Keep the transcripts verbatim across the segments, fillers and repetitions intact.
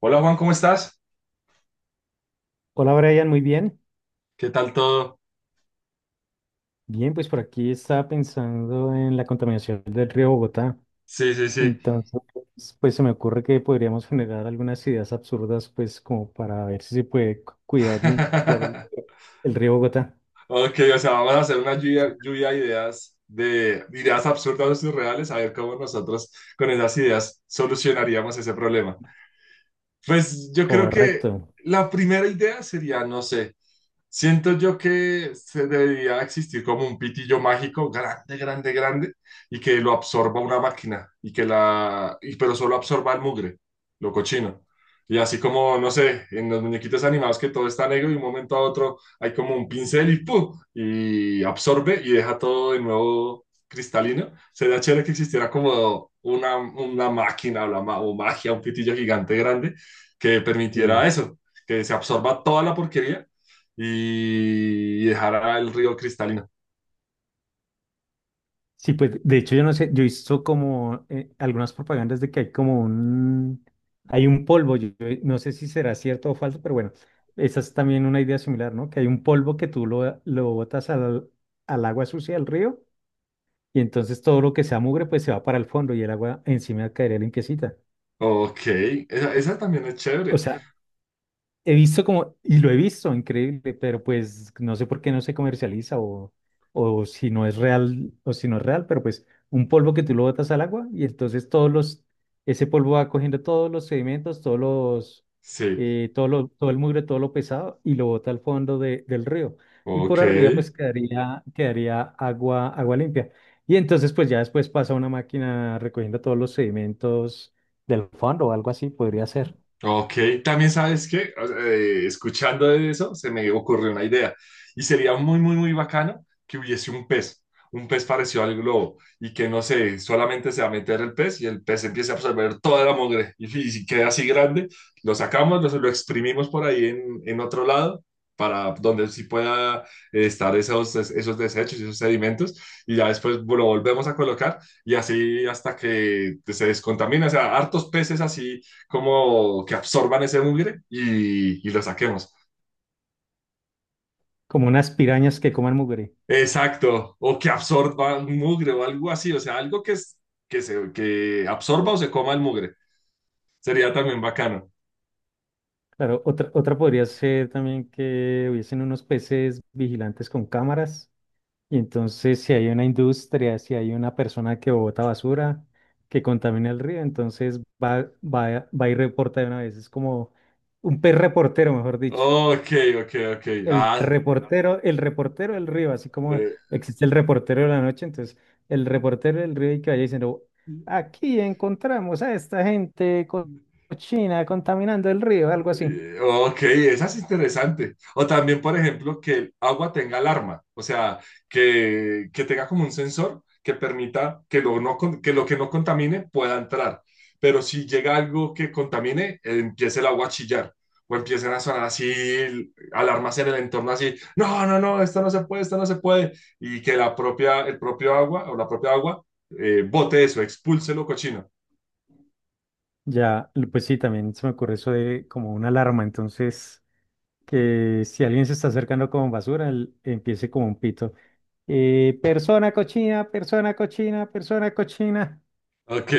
Hola Juan, ¿cómo estás? Hola Brian, muy bien. ¿Qué tal todo? Bien, pues por aquí estaba pensando en la contaminación del río Bogotá. Sí, sí, sí. Entonces, pues se me ocurre que podríamos generar algunas ideas absurdas, pues como para ver si se puede cu- cuidar y limpiar el, el río Bogotá. Ok, o sea, vamos a hacer una lluvia, lluvia de ideas, de ideas absurdas o surreales, a ver cómo nosotros con esas ideas solucionaríamos ese problema. Pues yo creo que Correcto. la primera idea sería, no sé, siento yo que se debería existir como un pitillo mágico grande, grande, grande y que lo absorba una máquina y que la, y- pero solo absorba el mugre, lo cochino. Y así como, no sé, en los muñequitos animados que todo está negro y un momento a otro hay como un pincel y ¡pum!, y absorbe y deja todo de nuevo cristalino. Sería chévere que existiera como una, una máquina o, la ma- o magia, un pitillo gigante grande que permitiera Sí. eso, que se absorba toda la porquería y dejará el río cristalino. Sí, pues de hecho yo no sé, yo he visto como eh, algunas propagandas de que hay como un, hay un polvo, yo, yo no sé si será cierto o falso, pero bueno, esa es también una idea similar, ¿no? Que hay un polvo que tú lo, lo botas al, al agua sucia del río y entonces todo lo que sea mugre pues se va para el fondo y el agua encima caería limpiecita. Ok, esa, esa también es O chévere. sea, he visto como, y lo he visto, increíble, pero pues no sé por qué no se comercializa o, o si no es real, o si no es real, pero pues un polvo que tú lo botas al agua y entonces todos los, ese polvo va cogiendo todos los sedimentos, todos los, Sí, eh, todo lo- todo el mugre, todo lo pesado y lo bota al fondo de- del río. Y ok. por arriba pues quedaría, quedaría agua, agua limpia. Y entonces pues ya después pasa una máquina recogiendo todos los sedimentos del fondo o algo así, podría ser. Ok, también sabes que escuchando de eso, se me ocurrió una idea. Y sería muy, muy, muy bacano que hubiese un pez, un pez parecido al globo, y que no sé, solamente se va a meter el pez y el pez empiece a absorber toda la mugre. Y, fi- si queda así grande, lo sacamos, lo, lo exprimimos por ahí en, en otro lado, para donde sí pueda eh, estar esos, esos desechos, y esos sedimentos, y ya después lo volvemos a colocar, y así hasta que se descontamina. O sea, hartos peces así como que absorban ese mugre y, y lo saquemos. Como unas pirañas que coman mugre. Exacto, o que absorba un mugre o algo así, o sea, algo que, es- que, se, que absorba o se coma el mugre. Sería también bacano. Claro, otra, otra podría ser también que hubiesen unos peces vigilantes con cámaras y entonces si hay una industria, si hay una persona que bota basura, que contamina el río, entonces va, va, va y reporta de una vez. Es como un pez reportero, mejor dicho. Ok, ok, ok. El Ah, reportero, el reportero del río, así como eh, existe el reportero de la noche, entonces el reportero del río y que vaya diciendo, aquí encontramos a esta gente co- cochina contaminando el río, algo así. Eh, Ok, esa es interesante. O también, por ejemplo, que el agua tenga alarma, o sea, que, que tenga como un sensor que permita que lo, no, con- que lo que no contamine pueda entrar. Pero si llega algo que contamine, eh, empiece el agua a chillar o empiecen a sonar así alarmas en el entorno así, no, no, no, esto no se puede, esto no se puede. Y que la propia, el propio agua o la propia agua eh, bote eso, expulse lo cochino. Ya, l- pues sí, también se me ocurre eso de como una alarma, entonces que si alguien se está acercando con basura, el- empiece como un pito. Eh, persona cochina, persona cochina, persona cochina. Ok,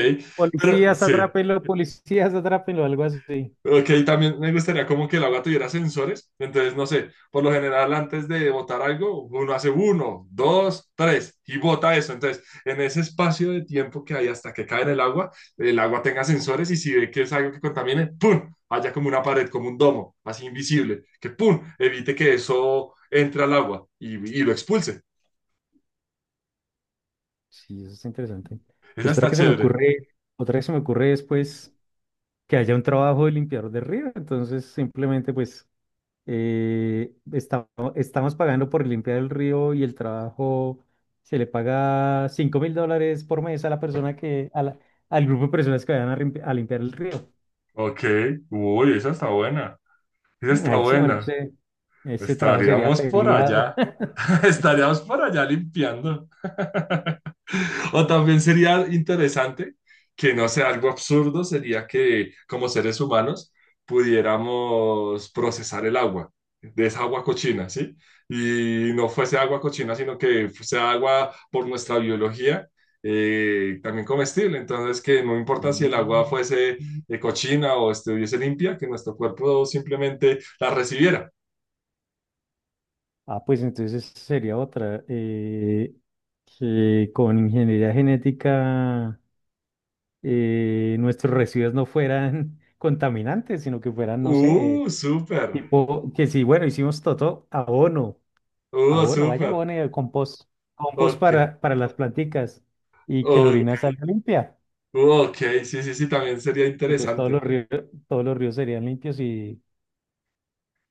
pero Policías, sí, atrápenlo, policías, atrápenlo, algo así. ok, también me gustaría como que el agua tuviera sensores, entonces no sé, por lo general antes de botar algo, uno hace uno, dos, tres y bota eso, entonces en ese espacio de tiempo que hay hasta que cae en el agua, el agua tenga sensores y si ve que es algo que contamine, ¡pum!, haya como una pared, como un domo, así invisible, que ¡pum! Evite que eso entre al agua y, y lo expulse. Sí, eso está interesante. Esa Pues otra está que se me chévere. ocurre, otra que se me ocurre es pues que haya un trabajo de limpiador de río, entonces simplemente pues eh, esta- estamos pagando por limpiar el río y el trabajo se le paga cinco mil dólares por mes a la persona que, a la- al grupo de personas que vayan a, limpi- a limpiar el río. Ok, uy, esa está buena, esa Mm, está ahí sí, marica, buena. ese, ese trabajo sería Estaríamos por peleado. allá, estaríamos por allá limpiando. O también sería interesante que no sé algo absurdo, sería que como seres humanos pudiéramos procesar el agua, de esa agua cochina, ¿sí? Y no fuese agua cochina, sino que sea agua por nuestra biología, eh, también comestible. Entonces, que no importa si el agua Mm. fuese eh, cochina o estuviese limpia, que nuestro cuerpo simplemente la recibiera. Ah, pues entonces sería otra. Eh, que con ingeniería genética eh, nuestros residuos no fueran contaminantes, sino que fueran, no sé. ¡Uh, súper! Tipo, que sí, bueno, hicimos todo abono, ¡Uh, abono, vaya súper! abono y el compost, compost Ok, para, para las planticas y que la ok, orina salga limpia. ok, sí, sí, sí, también sería Entonces todos interesante. los ríos, todos los ríos serían limpios y...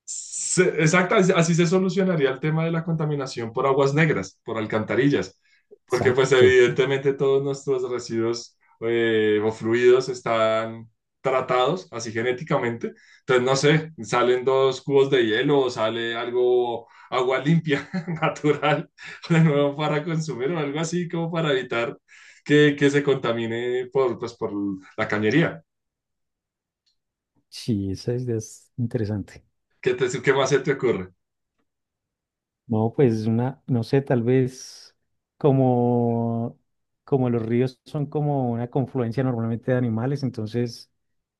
Se- exacta, así así se solucionaría el tema de la contaminación por aguas negras, por alcantarillas, porque pues Exacto. evidentemente todos nuestros residuos eh, o fluidos están tratados así genéticamente. Entonces, no sé, salen dos cubos de hielo o sale algo, agua limpia, natural, de nuevo para consumir o algo así como para evitar que, que se contamine por, pues, por la cañería. Sí, esa idea es interesante. ¿Qué te- qué más se te ocurre? No, pues una, no sé, tal vez como, como los ríos son como una confluencia normalmente de animales, entonces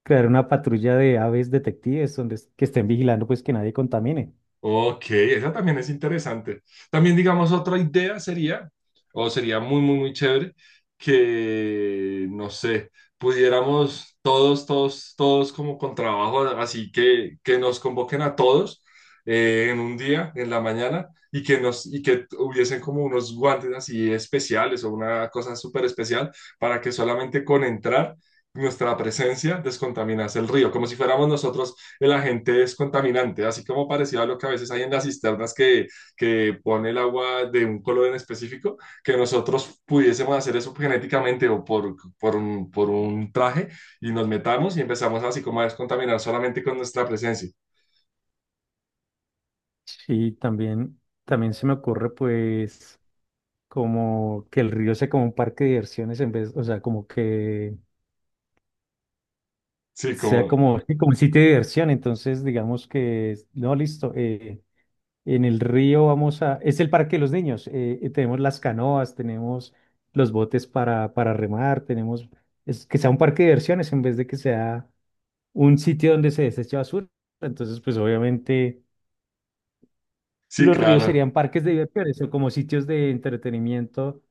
crear una patrulla de aves detectives donde es- que estén vigilando pues que nadie contamine. Ok, esa también es interesante. También, digamos, otra idea sería, o sería muy, muy, muy chévere, que, no sé, pudiéramos todos, todos, todos como con trabajo, así que, que nos convoquen a todos eh, en un día, en la mañana, y que nos, y que hubiesen como unos guantes así especiales o una cosa súper especial para que solamente con entrar nuestra presencia descontaminase el río, como si fuéramos nosotros el agente es contaminante, así como parecido a lo que a veces hay en las cisternas que, que pone el agua de un color en específico, que nosotros pudiésemos hacer eso genéticamente o por, por un, por un traje y nos metamos y empezamos así como a descontaminar solamente con nuestra presencia. Sí, también, también se me ocurre pues como que el río sea como un parque de diversiones en vez, o sea, como que Sí, sea como, como, sí, como un sitio de diversión. Entonces, digamos que, no, listo, eh, en el río vamos a, es el parque de los niños, eh, y tenemos las canoas, tenemos los botes para, para remar, tenemos, es que sea un parque de diversiones en vez de que sea un sitio donde se desecha basura. Entonces, pues obviamente sí, los ríos claro. serían parques de diversiones o como sitios de entretenimiento,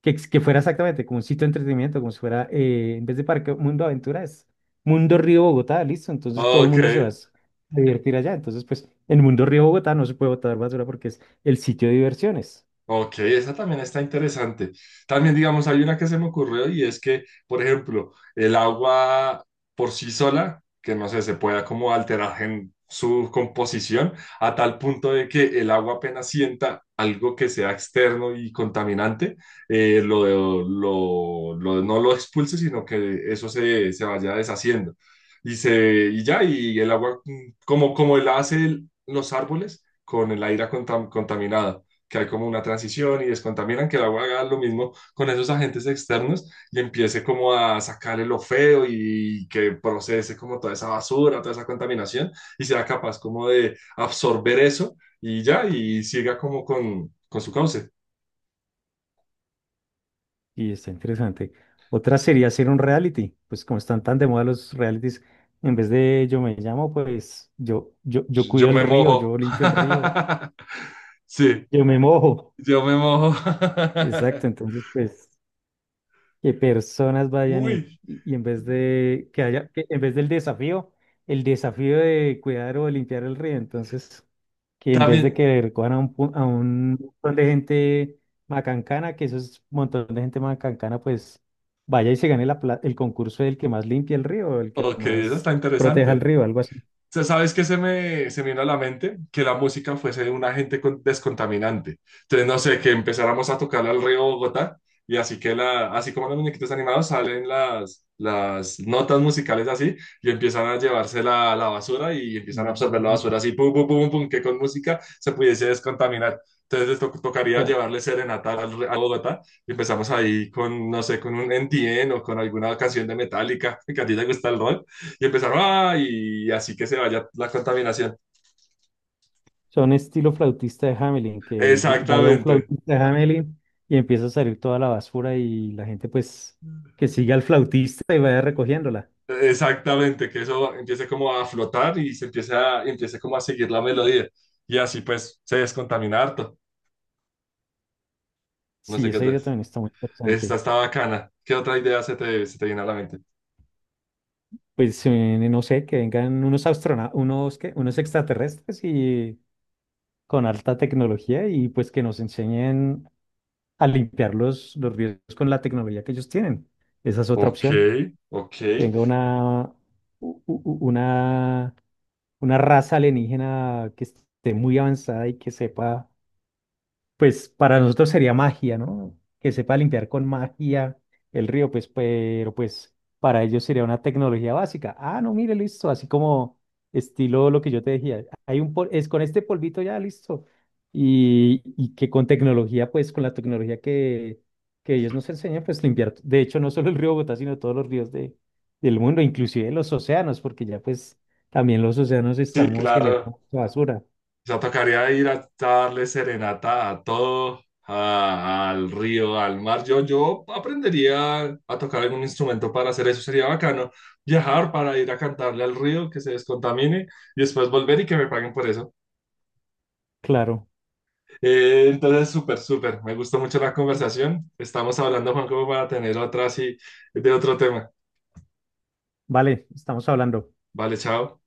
que, ex- que fuera exactamente como un sitio de entretenimiento, como si fuera, eh, en vez de parque, Mundo Aventuras, Mundo Río Bogotá, listo. Entonces todo el Ok. mundo se va a s- a divertir allá. Entonces, pues en Mundo Río Bogotá no se puede botar basura porque es el sitio de diversiones. Ok, esa también está interesante. También, digamos, hay una que se me ocurrió y es que, por ejemplo, el agua por sí sola, que no sé, se pueda como alterar en su composición a tal punto de que el agua apenas sienta algo que sea externo y contaminante, eh, lo, lo- lo- no lo expulse, sino que eso se, se vaya deshaciendo. Y, se, y ya, y el agua, mm, como, como la hace el- los árboles con el aire contam- contaminado que hay como una transición y descontaminan, que la agua haga lo mismo con esos agentes externos y empiece como a sacarle lo feo y que procese como toda esa basura, toda esa contaminación y sea capaz como de absorber eso y ya, y siga como con, con su cauce. Y está interesante. Otra sería hacer un reality, pues como están tan de moda los realities, en vez de yo me llamo, pues yo, yo, yo Yo cuido el me río, mojo. yo limpio el río, Sí, yo me mojo. yo me mojo. Exacto, entonces pues... que personas vayan y, Uy, y en vez de que haya, que en vez del desafío, el desafío de cuidar o de limpiar el río, entonces que en vez de también, que recojan a un, pu- a un montón de gente macancana, que eso es un montón de gente macancana, pues vaya y se gane la, pla- el concurso del que más limpie el río, el que ok, eso más está proteja el interesante. río, algo así. Sea, ¿sabes qué se me, se me vino a la mente? Que la música fuese un agente con- descontaminante. Entonces, no sé, que empezáramos a tocarle al río Bogotá y así que la, así como los muñequitos animados salen las, las notas musicales así y empiezan a llevarse la, la basura y empiezan a absorber la Mm. basura así, pum, pum, pum, pum, que con música se pudiese descontaminar. Entonces to- tocaría llevarle serenata al, re- a Bogotá y empezamos ahí con, no sé, con un N T N o con alguna canción de Metallica, que a ti te gusta el rock. Y empezaron, ah, y así que se vaya la contaminación. Son estilo flautista de Hamelin, que lle- vaya un Exactamente. flautista de Hamelin y empieza a salir toda la basura y la gente pues que siga al flautista y vaya recogiéndola. Exactamente, que eso empiece como a flotar y se empiece, a, empiece como a seguir la melodía. Y así pues se descontamina harto. No Sí, sé qué esa idea es. también está muy Esta interesante. está bacana. ¿Qué otra idea se te, se te viene a la mente? Pues eh, no sé, que vengan unos astronautas, unos, ¿qué? Unos extraterrestres y con alta tecnología y pues que nos enseñen a limpiar los, los ríos con la tecnología que ellos tienen. Esa es otra Ok, opción. ok. Que venga una, u- u- u- una una raza alienígena que esté muy avanzada y que sepa pues para nosotros sería magia, ¿no? Que sepa limpiar con magia el río, pues, pero pues para ellos sería una tecnología básica. Ah, no, mire, listo, así como estilo lo que yo te decía, hay un pol- es con este polvito ya, listo. Y, y que con tecnología, pues con la tecnología que, que ellos nos enseñan, pues limpiar, de hecho, no solo el río Bogotá, sino todos los ríos de, del mundo, inclusive los océanos, porque ya pues también los océanos Sí, estamos claro. generando basura. O sea, tocaría ir a, a darle serenata a todo, a- al río, al mar. Yo, yo aprendería a tocar algún instrumento para hacer eso. Sería bacano viajar para ir a cantarle al río, que se descontamine y después volver y que me paguen por eso. Claro, Eh, entonces, súper, súper. Me gustó mucho la conversación. Estamos hablando, Juan, como para tener otra así de otro tema. vale, estamos hablando. Vale, chao.